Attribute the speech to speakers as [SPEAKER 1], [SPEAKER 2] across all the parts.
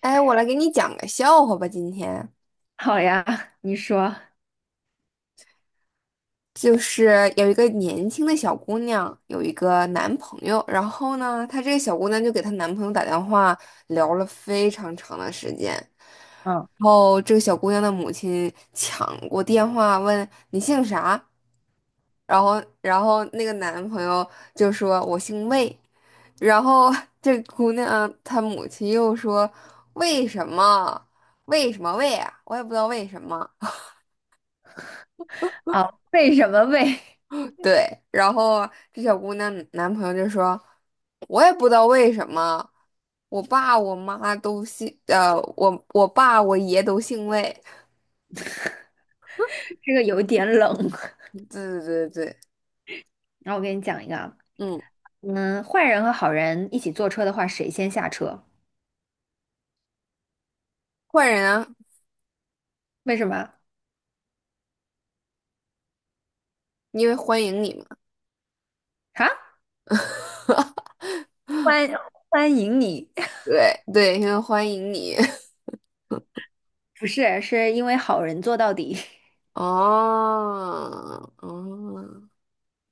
[SPEAKER 1] 哎，我来给你讲个笑话吧。今天
[SPEAKER 2] 好呀，你说。
[SPEAKER 1] 就是有一个年轻的小姑娘，有一个男朋友，然后呢，她这个小姑娘就给她男朋友打电话，聊了非常长的时间。
[SPEAKER 2] 嗯，
[SPEAKER 1] 然后这个小姑娘的母亲抢过电话问你姓啥，然后那个男朋友就说我姓魏，然后 这姑娘她母亲又说为什么为什么魏啊，我也不知道为什么。
[SPEAKER 2] 为什么为
[SPEAKER 1] 对，然后这小姑娘男朋友就说，我也不知道为什么，我爸我妈都姓，我爸我爷都姓魏。
[SPEAKER 2] 这个有点冷？
[SPEAKER 1] 对对对对，
[SPEAKER 2] 那我给你讲一个啊。
[SPEAKER 1] 嗯，
[SPEAKER 2] 嗯，坏人和好人一起坐车的话，谁先下车？
[SPEAKER 1] 坏人啊，
[SPEAKER 2] 为什么？
[SPEAKER 1] 因为欢迎你嘛。
[SPEAKER 2] 啊？欢欢迎你，
[SPEAKER 1] 对对，因为欢迎你。
[SPEAKER 2] 不是，是因为好人做到底。
[SPEAKER 1] 哦，哦，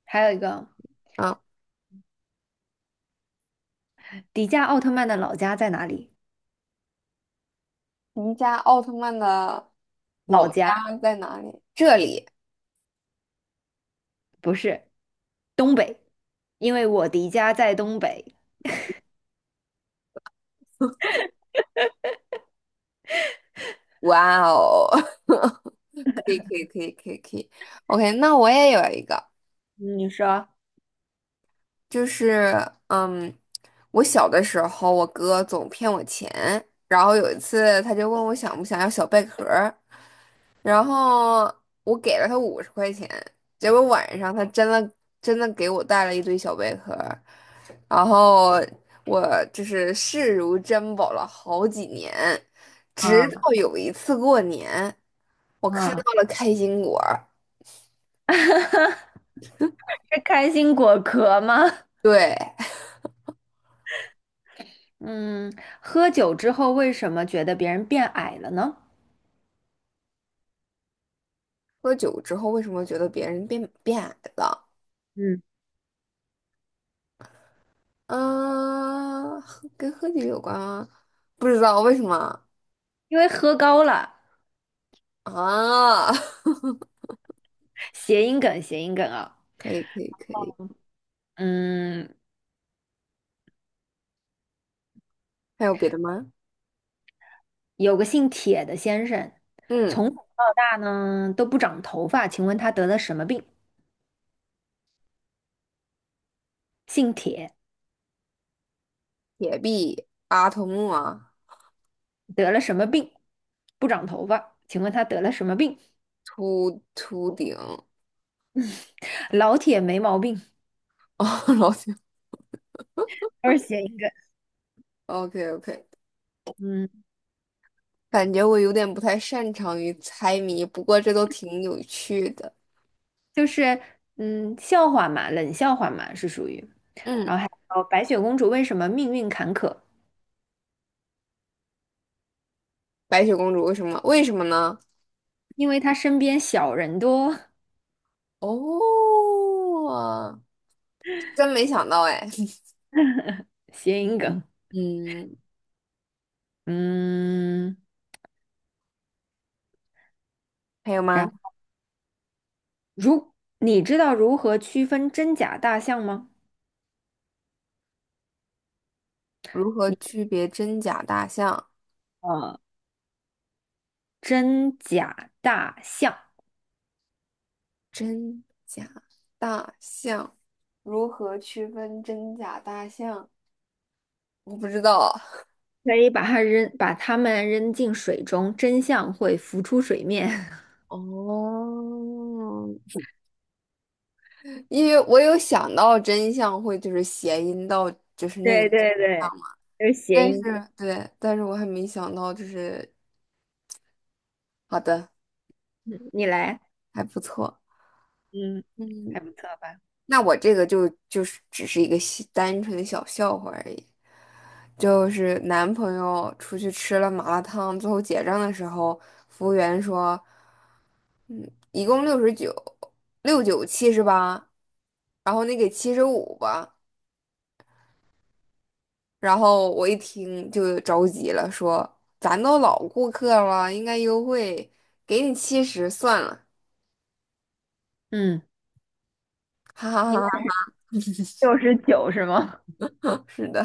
[SPEAKER 2] 还有一个，
[SPEAKER 1] 啊，
[SPEAKER 2] 迪迦奥特曼的老家在哪里？
[SPEAKER 1] 您家奥特曼的
[SPEAKER 2] 老
[SPEAKER 1] 老
[SPEAKER 2] 家
[SPEAKER 1] 家在哪里？这里。
[SPEAKER 2] 不是东北，因为我迪迦在东北。
[SPEAKER 1] 哇哦，可以可以可以可以可以，OK，那我也有一个，
[SPEAKER 2] 你说啊。
[SPEAKER 1] 就是嗯，我小的时候，我哥总骗我钱，然后有一次他就问我想不想要小贝壳儿，然后我给了他50块钱，结果晚上他真的真的给我带了一堆小贝壳儿，然后我就是视如珍宝了好几年，直到有一次过年。我看到
[SPEAKER 2] 啊，
[SPEAKER 1] 了开心果儿。
[SPEAKER 2] 是开心果壳吗？
[SPEAKER 1] 对，
[SPEAKER 2] 嗯，喝酒之后为什么觉得别人变矮了呢？
[SPEAKER 1] 喝酒之后为什么觉得别人变矮了？
[SPEAKER 2] 嗯，
[SPEAKER 1] 啊，喝跟喝酒有关吗？不知道为什么
[SPEAKER 2] 因为喝高了，
[SPEAKER 1] 啊？
[SPEAKER 2] 谐音梗，谐音梗啊。
[SPEAKER 1] 可以，可以，可以。
[SPEAKER 2] 嗯，
[SPEAKER 1] 还有别的吗？
[SPEAKER 2] 有个姓铁的先生，
[SPEAKER 1] 嗯，
[SPEAKER 2] 从小到大呢都不长头发，请问他得了什么病？姓铁
[SPEAKER 1] 铁臂、阿童木啊，
[SPEAKER 2] 得了什么病？不长头发，请问他得了什么病？
[SPEAKER 1] 秃顶。
[SPEAKER 2] 老铁没毛病，
[SPEAKER 1] 哦，老铁。
[SPEAKER 2] 都是谐音梗。
[SPEAKER 1] o k o k
[SPEAKER 2] 嗯，
[SPEAKER 1] 感觉我有点不太擅长于猜谜，不过这都挺有趣的。
[SPEAKER 2] 就是笑话嘛，冷笑话嘛，是属于。
[SPEAKER 1] 嗯，
[SPEAKER 2] 哦，白雪公主为什么命运坎坷？
[SPEAKER 1] 白雪公主为什么？为什么呢？
[SPEAKER 2] 因为他身边小人多，
[SPEAKER 1] 哦，真没想到哎。
[SPEAKER 2] 谐音梗。
[SPEAKER 1] 嗯，
[SPEAKER 2] 嗯。
[SPEAKER 1] 还有吗？
[SPEAKER 2] 然如你知道如何区分真假大象吗？
[SPEAKER 1] 如何区别真假大象？
[SPEAKER 2] 呃，真假大象
[SPEAKER 1] 真假大象，如何区分真假大象？我不知道，
[SPEAKER 2] 可以把它扔，把它们扔进水中，真相会浮出水面。
[SPEAKER 1] 哦，因为我有想到真相会就是谐音到就是那个
[SPEAKER 2] 对
[SPEAKER 1] 真
[SPEAKER 2] 对
[SPEAKER 1] 相，
[SPEAKER 2] 对，就是谐
[SPEAKER 1] 但是
[SPEAKER 2] 音。
[SPEAKER 1] 对，但是我还没想到就是好的，
[SPEAKER 2] 你来。
[SPEAKER 1] 还不错。
[SPEAKER 2] 嗯，
[SPEAKER 1] 嗯。
[SPEAKER 2] 还不错吧？
[SPEAKER 1] 那我这个就是只是一个小单纯的小笑话而已，就是男朋友出去吃了麻辣烫，最后结账的时候，服务员说，嗯，一共69，六九七十八，然后你给75吧。然后我一听就着急了，说咱都老顾客了，应该优惠，给你七十算了，
[SPEAKER 2] 嗯
[SPEAKER 1] 哈哈
[SPEAKER 2] 你应
[SPEAKER 1] 哈哈，
[SPEAKER 2] 该69是吗？
[SPEAKER 1] 是的。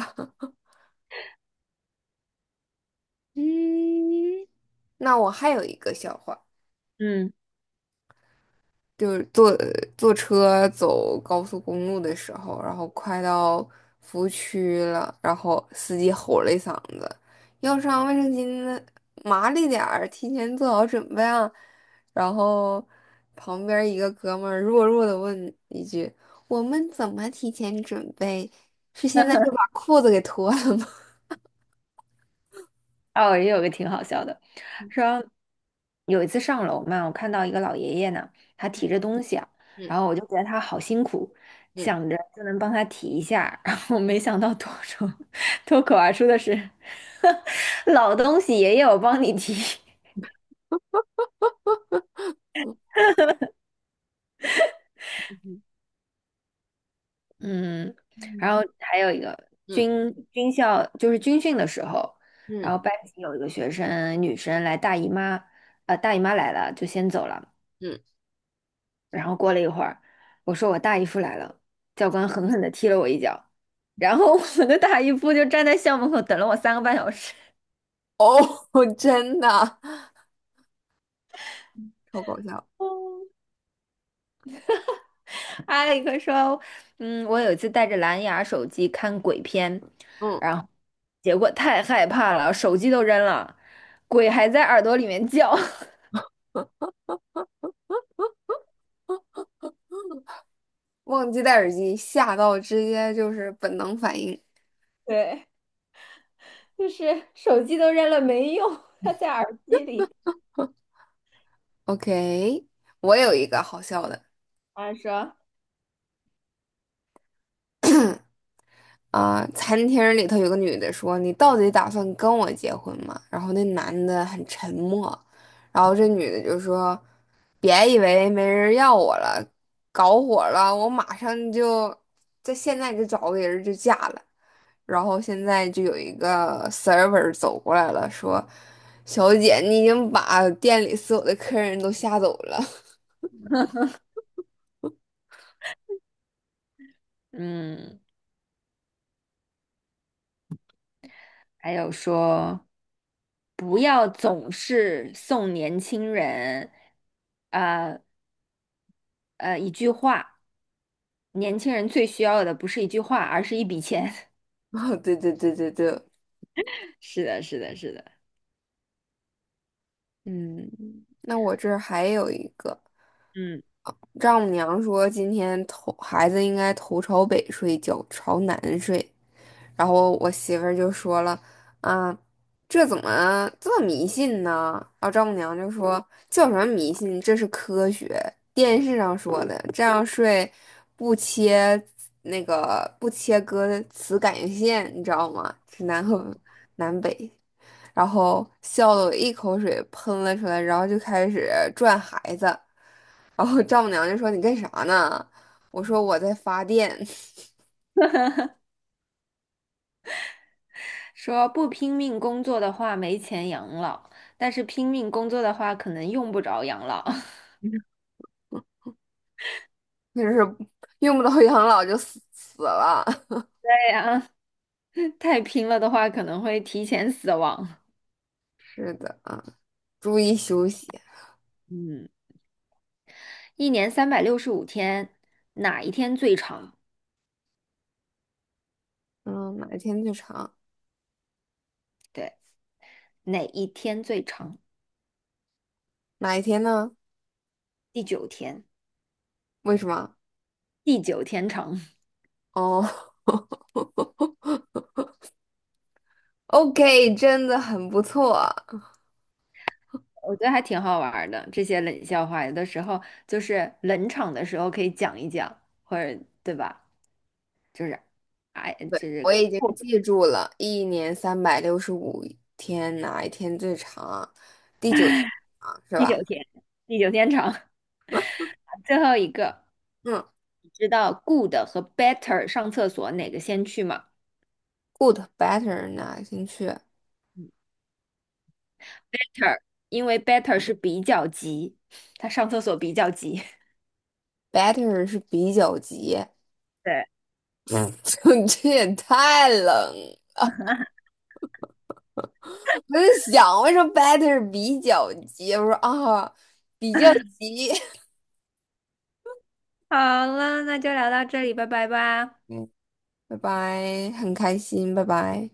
[SPEAKER 1] 嗯，那我还有一个笑话。
[SPEAKER 2] 嗯。
[SPEAKER 1] 就是坐车走高速公路的时候，然后快到服务区了，然后司机吼了一嗓子：“要上卫生巾的麻利点儿，提前做好准备啊！”然后旁边一个哥们儿弱弱的问一句：“我们怎么提前准备？是现在就把裤子给脱了吗？”
[SPEAKER 2] 哦，也有个挺好笑的，说有一次上楼嘛，我看到一个老爷爷呢，他提着东西啊，
[SPEAKER 1] 嗯
[SPEAKER 2] 然后我就觉得他好辛苦，想
[SPEAKER 1] 嗯
[SPEAKER 2] 着就能帮他提一下，然后没想到脱口而出的是 老东西，爷爷我帮你提。嗯，
[SPEAKER 1] 嗯
[SPEAKER 2] 然后还有一个
[SPEAKER 1] 嗯
[SPEAKER 2] 军校就是军训的时候，然后
[SPEAKER 1] 嗯
[SPEAKER 2] 班级有一个学生女生来大姨妈，大姨妈来了就先走了。
[SPEAKER 1] 嗯，
[SPEAKER 2] 然后过了一会儿，我说我大姨夫来了，教官狠狠地踢了我一脚，然后我的大姨夫就站在校门口等了我3个半小时。
[SPEAKER 1] 哦，真的，超搞笑。
[SPEAKER 2] 艾利克说："嗯，我有一次带着蓝牙手机看鬼片，
[SPEAKER 1] 嗯。
[SPEAKER 2] 然后结果太害怕了，手机都扔了，鬼还在耳朵里面叫。
[SPEAKER 1] 忘记戴耳机，吓到直接就是本能反应。
[SPEAKER 2] 对，就是手机都扔了没用，它在耳机里。"
[SPEAKER 1] OK，我有一个好笑的
[SPEAKER 2] 他说：
[SPEAKER 1] 啊、餐厅里头有个女的说：“你到底打算跟我结婚吗？”然后那男的很沉默，然后这女的就说：“别以为没人要我了，搞火了，我马上就在现在就找个人就嫁了。”然后现在就有一个 server 走过来了，说：“小姐，你已经把店里所有的客人都吓走了。”
[SPEAKER 2] “嗯。"还有说不要总是送年轻人，呃一句话，年轻人最需要的不是一句话，而是一笔钱。
[SPEAKER 1] 哦，对对对对对，
[SPEAKER 2] 是的，是的，是的。
[SPEAKER 1] 嗯，那我这儿还有一个，
[SPEAKER 2] 嗯，
[SPEAKER 1] 丈母娘说今天头孩子应该头朝北睡，脚朝南睡，然后我媳妇儿就说了，啊，这怎么这么迷信呢？然后丈母娘就说叫什么迷信，这是科学，电视上说的，这样睡不切不切割磁感应线，你知道吗？是南和南北。然后笑得我一口水喷了出来，然后就开始转孩子，然后丈母娘就说你干啥呢？我说我在发电，
[SPEAKER 2] 说不拼命工作的话没钱养老，但是拼命工作的话可能用不着养老。
[SPEAKER 1] 就是用不到养老就死了。
[SPEAKER 2] 对呀，太拼了的话可能会提前死亡。
[SPEAKER 1] 是的啊，注意休息。
[SPEAKER 2] 嗯，一年365天，哪一天最长？
[SPEAKER 1] 嗯，哪一天最长？
[SPEAKER 2] 对，哪一天最长？
[SPEAKER 1] 哪一天呢？
[SPEAKER 2] 第九天。
[SPEAKER 1] 为什么？
[SPEAKER 2] 地久天长，
[SPEAKER 1] 哦 ，OK，真的很不错。
[SPEAKER 2] 我觉得还挺好玩儿的。这些冷笑话，有的时候就是冷场的时候可以讲一讲，或者对吧？就是，哎，
[SPEAKER 1] 对，
[SPEAKER 2] 就是
[SPEAKER 1] 我已经
[SPEAKER 2] 不
[SPEAKER 1] 记住了，一年365天，哪一天最长啊第九天啊，是
[SPEAKER 2] 地久
[SPEAKER 1] 吧？
[SPEAKER 2] 天地久天长。最后一个，
[SPEAKER 1] 嗯。
[SPEAKER 2] 你知道 good 和 better 上厕所哪个先去吗
[SPEAKER 1] good better 哪进去
[SPEAKER 2] ？better,因为 better 是比较急，他上厕所比较急。
[SPEAKER 1] ？better 是比较级，
[SPEAKER 2] 对，
[SPEAKER 1] 嗯，就你这也太冷了我在想为什么 better 比较级？我说啊，比较级。
[SPEAKER 2] 好了，那就聊到这里，拜拜吧。
[SPEAKER 1] 嗯，拜拜，很开心，拜拜。